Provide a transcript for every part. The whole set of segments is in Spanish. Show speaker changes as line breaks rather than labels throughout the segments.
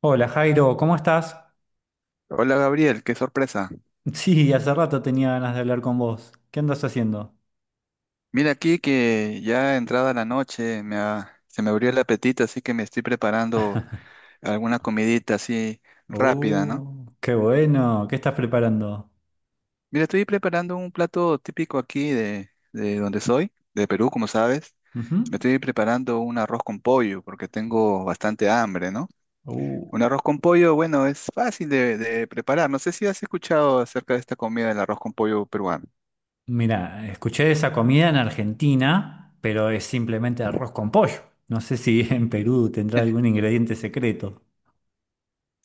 Hola Jairo, ¿cómo estás?
Hola Gabriel, qué sorpresa.
Sí, hace rato tenía ganas de hablar con vos. ¿Qué andas haciendo?
Mira, aquí que ya entrada la noche se me abrió el apetito, así que me estoy preparando alguna comidita así rápida, ¿no?
Oh, qué bueno. ¿Qué estás preparando?
Mira, estoy preparando un plato típico aquí de donde soy, de Perú, como sabes.
Ujú.
Me estoy preparando un arroz con pollo porque tengo bastante hambre, ¿no?
Uh,
Un arroz con pollo, bueno, es fácil de preparar. No sé si has escuchado acerca de esta comida del arroz con pollo peruano.
Mira, escuché esa comida en Argentina, pero es simplemente arroz con pollo. No sé si en Perú tendrá algún ingrediente secreto.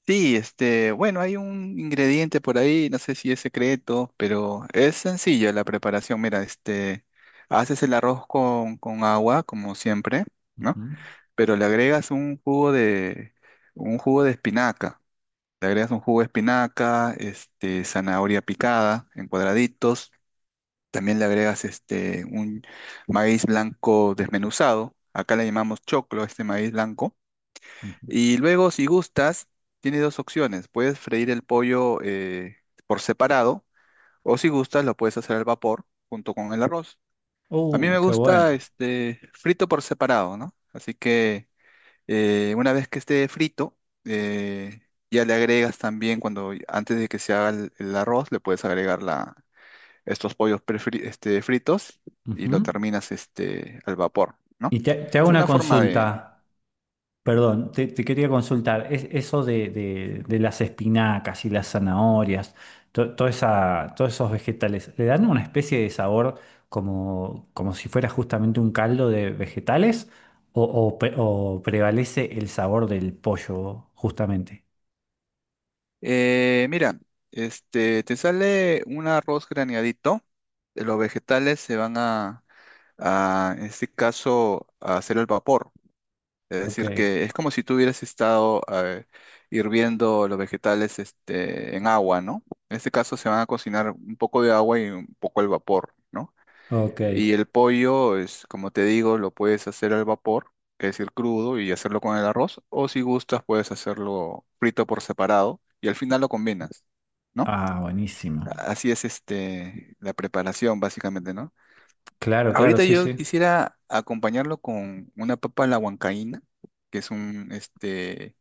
Sí, este, bueno, hay un ingrediente por ahí, no sé si es secreto, pero es sencilla la preparación. Mira, este, haces el arroz con agua, como siempre, ¿no?
Ujú,
Pero le agregas un jugo de espinaca. Le agregas un jugo de espinaca, este, zanahoria picada en cuadraditos. También le agregas este, un maíz blanco desmenuzado. Acá le llamamos choclo, a este maíz blanco.
ujú.
Y luego, si gustas, tienes dos opciones. Puedes freír el pollo por separado, o si gustas lo puedes hacer al vapor junto con el arroz. A mí me
Qué
gusta
bueno.
este frito por separado, ¿no? Así que una vez que esté frito, eh, ya le agregas también cuando antes de que se haga el arroz, le puedes agregar la, este, fritos, y lo
Ujú.
terminas este, al vapor, ¿no?
Te hago
Es
una
una forma.
consulta. Perdón, te quería consultar, es, eso de las espinacas y las zanahorias, todos esos vegetales, ¿le dan una especie de sabor como, como si fuera justamente un caldo de vegetales o, o prevalece el sabor del pollo justamente?
Mira, este, te sale un arroz graneadito. Los vegetales se van a, en este caso, a hacer el vapor. Es
Ok,
decir, que es como si tú hubieras estado hirviendo los vegetales este, en agua, ¿no? En este caso se van a cocinar un poco de agua y un poco el vapor, ¿no?
ok.
Y el pollo es, como te digo, lo puedes hacer al vapor, que es el crudo, y hacerlo con el arroz, o si gustas puedes hacerlo frito por separado y al final lo combinas, ¿no?
Ah, buenísimo.
Así es este la preparación básicamente, ¿no?
Claro, claro,
Ahorita
sí,
yo
sí.
quisiera acompañarlo con una papa a la huancaína, que es un este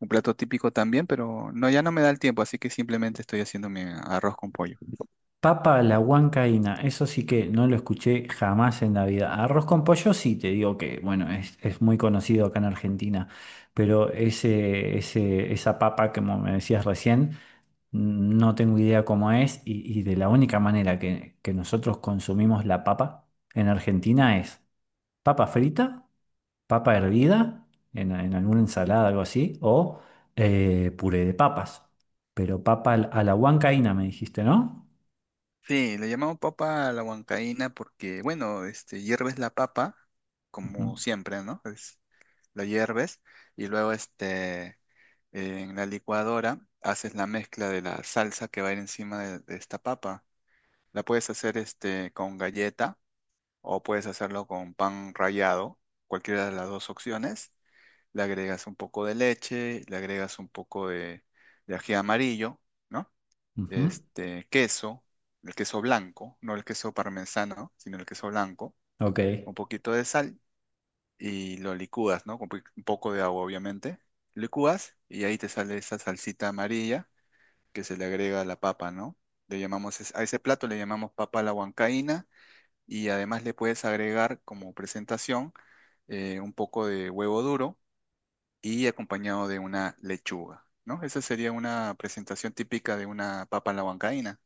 un plato típico también, pero no, ya no me da el tiempo, así que simplemente estoy haciendo mi arroz con pollo.
Papa a la huancaína, eso sí que no lo escuché jamás en la vida. Arroz con pollo sí, te digo que, bueno, es muy conocido acá en Argentina, pero ese, esa papa, como me decías recién, no tengo idea cómo es y de la única manera que nosotros consumimos la papa en Argentina es papa frita, papa hervida, en alguna ensalada, algo así, o puré de papas. Pero papa a la huancaína me dijiste, ¿no?
Sí, le llamamos papa a la huancaína porque, bueno, este, hierves la papa,
Ujú,
como siempre, ¿no? Es, la hierves y luego este, en la licuadora haces la mezcla de la salsa que va a ir encima de esta papa. La puedes hacer este, con galleta o puedes hacerlo con pan rallado, cualquiera de las dos opciones. Le agregas un poco de leche, le agregas un poco de ají amarillo, ¿no?
ujú.
Este, queso, el queso blanco, no el queso parmesano, sino el queso blanco,
Ok,
un poquito de sal, y lo licúas, ¿no? Con un poco de agua, obviamente. Licúas y ahí te sale esa salsita amarilla que se le agrega a la papa, ¿no? Le llamamos, a ese plato le llamamos papa a la huancaína, y además le puedes agregar como presentación un poco de huevo duro y acompañado de una lechuga, ¿no? Esa sería una presentación típica de una papa a la huancaína.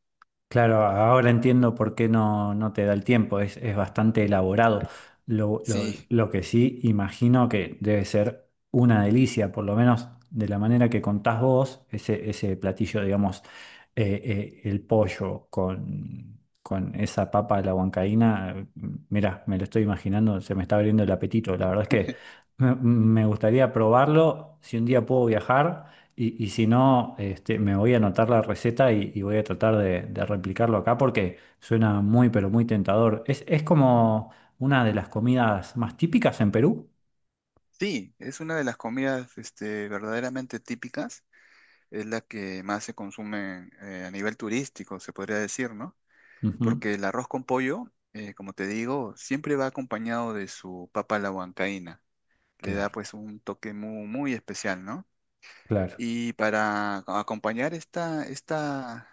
claro, ahora entiendo por qué no, no te da el tiempo, es bastante elaborado. Lo, lo-
Sí,
lo que sí imagino que debe ser una delicia, por lo menos de la manera que contás vos, ese platillo, digamos, el pollo con esa papa de la huancaína. Mira, me lo estoy imaginando, se me está abriendo el apetito, la verdad es que me gustaría probarlo, si un día puedo viajar. Y si no, este, me voy a anotar la receta y voy a tratar de replicarlo acá porque suena muy, pero muy tentador. Es como una de las comidas más típicas en Perú.
sí, es una de las comidas este, verdaderamente típicas, es la que más se consume a nivel turístico, se podría decir, ¿no? Porque
Ujú,
el arroz con pollo, como te digo, siempre va acompañado de su papa a la huancaína, le da
claro,
pues un toque muy, muy especial, ¿no?
claro.
Y para acompañar esta, esta,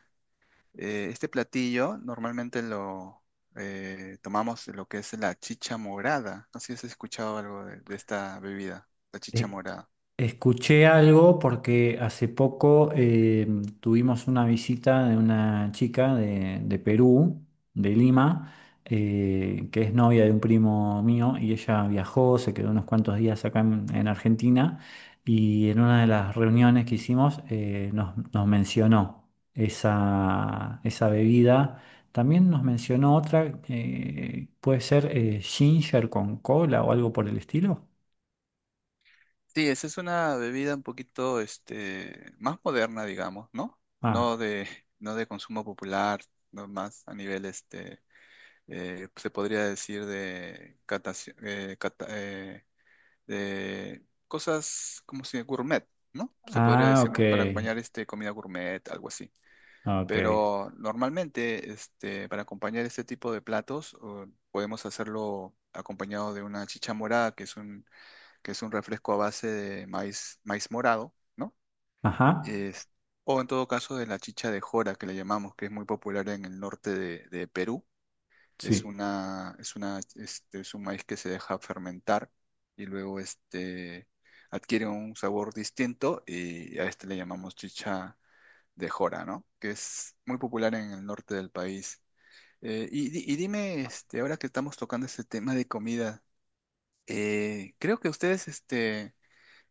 eh, este platillo, normalmente lo tomamos lo que es la chicha morada, no sé si has escuchado algo de esta bebida, la chicha
Eh,
morada.
escuché algo porque hace poco tuvimos una visita de una chica de Perú, de Lima, que es novia de un primo mío y ella viajó, se quedó unos cuantos días acá en Argentina y en una de las reuniones que hicimos nos, nos mencionó esa, esa bebida. También nos mencionó otra, puede ser ginger con cola o algo por el estilo.
Sí, esa es una bebida un poquito, este, más moderna, digamos, ¿no? No
Ah,
de, no de consumo popular, no más a nivel, este, se podría decir de, de cosas como si gourmet, ¿no? Se podría
ah,
decir,
ok.
¿no? Para acompañar, este, comida gourmet, algo así.
Ok.
Pero normalmente, este, para acompañar este tipo de platos, o podemos hacerlo acompañado de una chicha morada, que es un refresco a base de maíz, maíz morado, ¿no?
Ajá.
Es- o en todo caso de la chicha de jora, que le llamamos, que es muy popular en el norte de Perú.
Sí.
Este, es un maíz que se deja fermentar y luego este, adquiere un sabor distinto y a este le llamamos chicha de jora, ¿no? Que es muy popular en el norte del país. Y, y dime, este, ahora que estamos tocando este tema de comida, creo que ustedes, este,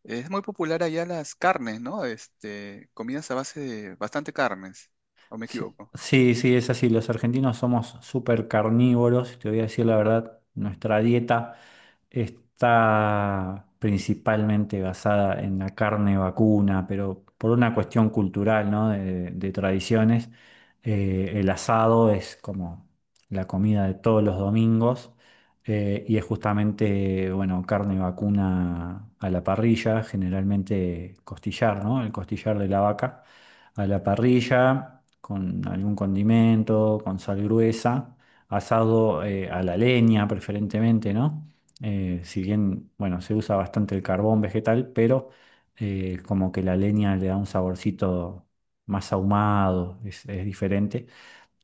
es muy popular allá las carnes, ¿no? Este, comidas a base de bastante carnes, ¿o me
Sí,
equivoco?
sí, sí, es así. Los argentinos somos súper carnívoros, te voy a decir la verdad. Nuestra dieta está principalmente basada en la carne vacuna, pero por una cuestión cultural, ¿no? De tradiciones. El asado es como la comida de todos los domingos y es justamente, bueno, carne vacuna a la parrilla, generalmente costillar, ¿no? El costillar de la vaca a la parrilla con algún condimento, con sal gruesa, asado a la leña preferentemente, ¿no? Si bien, bueno, se usa bastante el carbón vegetal, pero como que la leña le da un saborcito más ahumado, es diferente.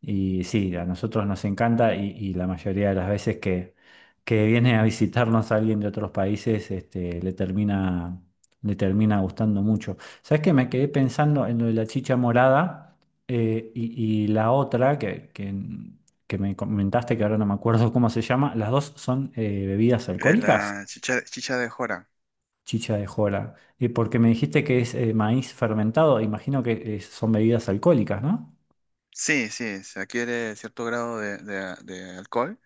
Y sí, a nosotros nos encanta y la mayoría de las veces que viene a visitarnos alguien de otros países, este, le termina gustando mucho. ¿Sabes qué? Me quedé pensando en lo de la chicha morada y la otra que me comentaste, que ahora no me acuerdo cómo se llama, las dos son bebidas alcohólicas,
La chicha, chicha de jora.
chicha de jora. Y porque me dijiste que es maíz fermentado, imagino que son bebidas alcohólicas, ¿no?
Sí, sí, se adquiere cierto grado de, de alcohol,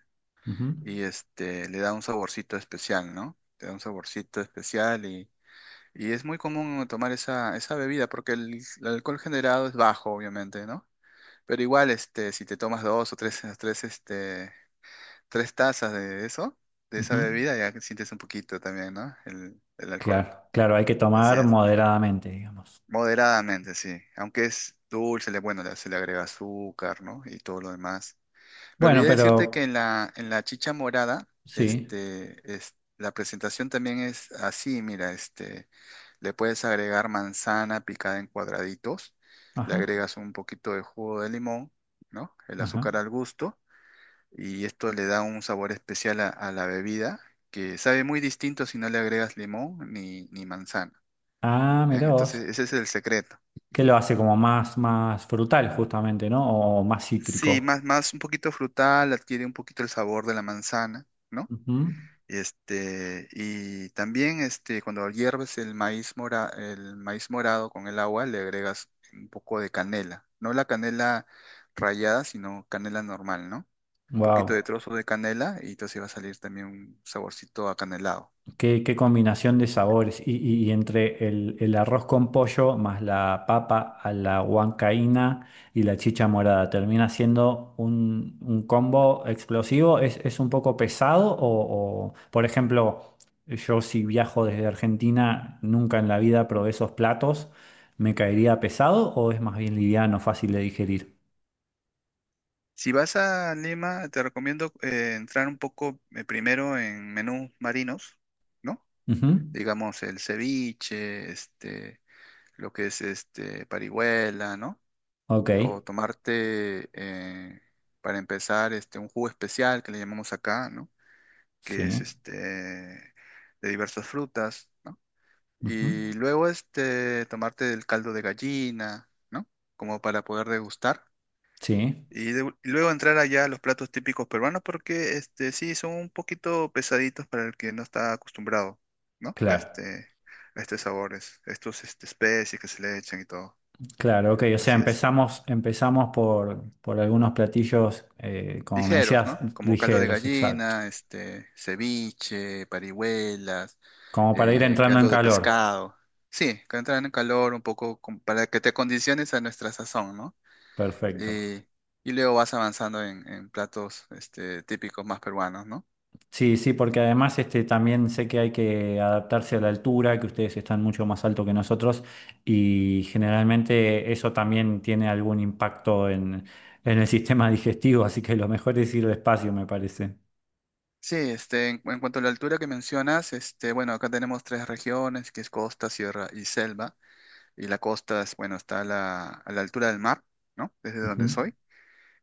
Ujú,
y este, le da un saborcito especial, ¿no? Te da un saborcito especial y es muy común tomar esa, esa bebida porque el alcohol generado es bajo, obviamente, ¿no? Pero igual, este, si te tomas dos o tres, tres, este, tres tazas de eso, de esa
ujú.
bebida, ya que sientes un poquito también, ¿no? El alcohol.
Claro, claro, hay que
Así
tomar
es.
moderadamente, digamos.
Moderadamente, sí. Aunque es dulce, le, bueno, se le agrega azúcar, ¿no? Y todo lo demás. Me
Bueno,
olvidé decirte que
pero
en la chicha morada,
sí,
este, es, la presentación también es así, mira, este, le puedes agregar manzana picada en cuadraditos, le
ajá,
agregas un poquito de jugo de limón, ¿no? El
ajá.
azúcar al gusto, y esto le da un sabor especial a la bebida, que sabe muy distinto si no le agregas limón ni, ni manzana.
Ah,
¿Eh?
mirá vos,
Entonces, ese es el secreto.
que lo hace como más, más frutal justamente, ¿no? O más
Sí,
cítrico.
más, más un poquito frutal, adquiere un poquito el sabor de la manzana, ¿no? Este, y también este, cuando hierves el maíz mora, el maíz morado con el agua, le agregas un poco de canela. No la canela rallada, sino canela normal, ¿no? Un poquito de
Wow.
trozo de canela y entonces va a salir también un saborcito acanelado.
Qué, qué combinación de sabores. Y entre el arroz con pollo más la papa a la huancaína y la chicha morada, termina siendo un combo explosivo. Es un poco pesado? O, por ejemplo, yo si viajo desde Argentina, nunca en la vida probé esos platos. ¿Me caería pesado o es más bien liviano, fácil de digerir?
Si vas a Lima, te recomiendo entrar un poco primero en menús marinos, ¿no?
Ujú.
Digamos el ceviche, este, lo que es este parihuela, ¿no?
Ok,
O tomarte para empezar este un jugo especial que le llamamos acá, ¿no? Que es
sí.
este de diversas frutas, ¿no?
Ujú.
Y luego este tomarte el caldo de gallina, ¿no? Como para poder degustar.
Sí,
Y, y luego entrar allá a los platos típicos peruanos porque este sí son un poquito pesaditos para el que no está acostumbrado, ¿no? A
claro.
este, a estos sabores, estos este, especies que se le echan y todo.
Claro, ok, o sea,
Así es.
empezamos, empezamos por algunos platillos, como me
Ligeros,
decías,
¿no? Como caldo de
ligeros, exacto.
gallina, este, ceviche, parihuelas,
Como para ir entrando en
caldo de
calor.
pescado. Sí, que entran en calor un poco como para que te condiciones a nuestra sazón, ¿no?
Perfecto.
Eh, y luego vas avanzando en platos este, típicos más peruanos, ¿no?
Sí, sí, porque además este, también sé que hay que adaptarse a la altura, que ustedes están mucho más alto que nosotros y generalmente eso también tiene algún impacto en el sistema digestivo, así que lo mejor es ir despacio, me parece.
Sí, este, en cuanto a la altura que mencionas, este, bueno, acá tenemos tres regiones, que es costa, sierra y selva, y la costa es, bueno, está a la altura del mar, ¿no? Desde
Ujú,
donde soy.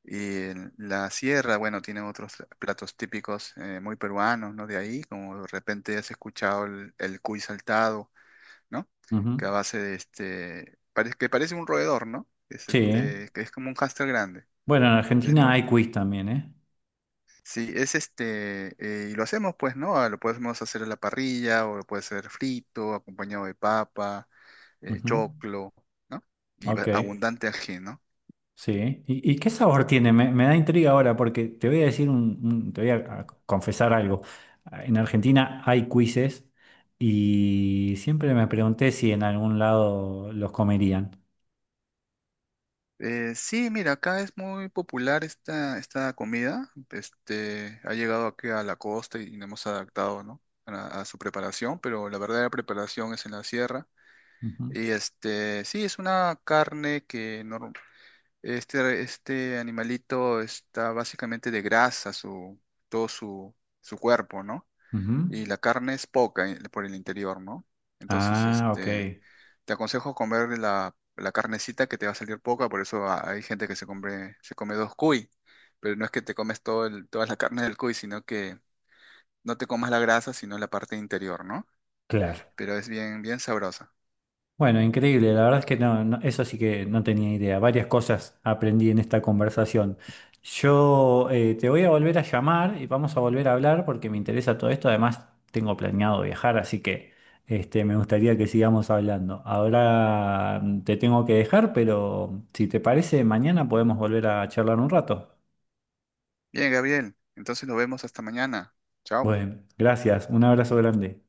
Y en la sierra, bueno, tiene otros platos típicos muy peruanos, ¿no? De ahí, como de repente has escuchado el cuy saltado, ¿no? Que a
ujú.
base de este, parece que parece un roedor, ¿no? Es
Sí. ¿Eh?
este, que es como un hámster grande.
Bueno, en Argentina hay quiz también, ¿eh?
Sí, es este, y lo hacemos pues, ¿no? Ah, lo podemos hacer a la parrilla o lo puede ser frito, acompañado de papa,
Ujú.
choclo, ¿no? Y
Ok.
abundante ajeno.
Sí, ¿y, y qué sabor tiene? Me da intriga ahora porque te voy a decir un, te voy a confesar algo. En Argentina hay quizzes y siempre me pregunté si en algún lado los comerían.
Sí, mira, acá es muy popular esta, esta comida. Este, ha llegado aquí a la costa y nos hemos adaptado, ¿no? A su preparación, pero la verdadera preparación es en la sierra.
Ujú,
Y este, sí, es una carne que no, este animalito está básicamente de grasa, su, todo su, su cuerpo, ¿no?
ujú.
Y la carne es poca por el interior, ¿no? Entonces,
Ah, ok.
este, te aconsejo comer la, la carnecita que te va a salir poca, por eso hay gente que se come dos cuy, pero no es que te comes toda la carne del cuy, sino que no te comas la grasa, sino la parte interior, ¿no?
Claro.
Pero es bien, bien sabrosa.
Bueno, increíble, la verdad es que eso sí que no tenía idea. Varias cosas aprendí en esta conversación. Yo te voy a volver a llamar y vamos a volver a hablar porque me interesa todo esto. Además, tengo planeado viajar, así que este, me gustaría que sigamos hablando. Ahora te tengo que dejar, pero si te parece, mañana podemos volver a charlar un rato.
Bien, Gabriel, entonces nos vemos hasta mañana. Chao.
Bueno, gracias, un abrazo grande.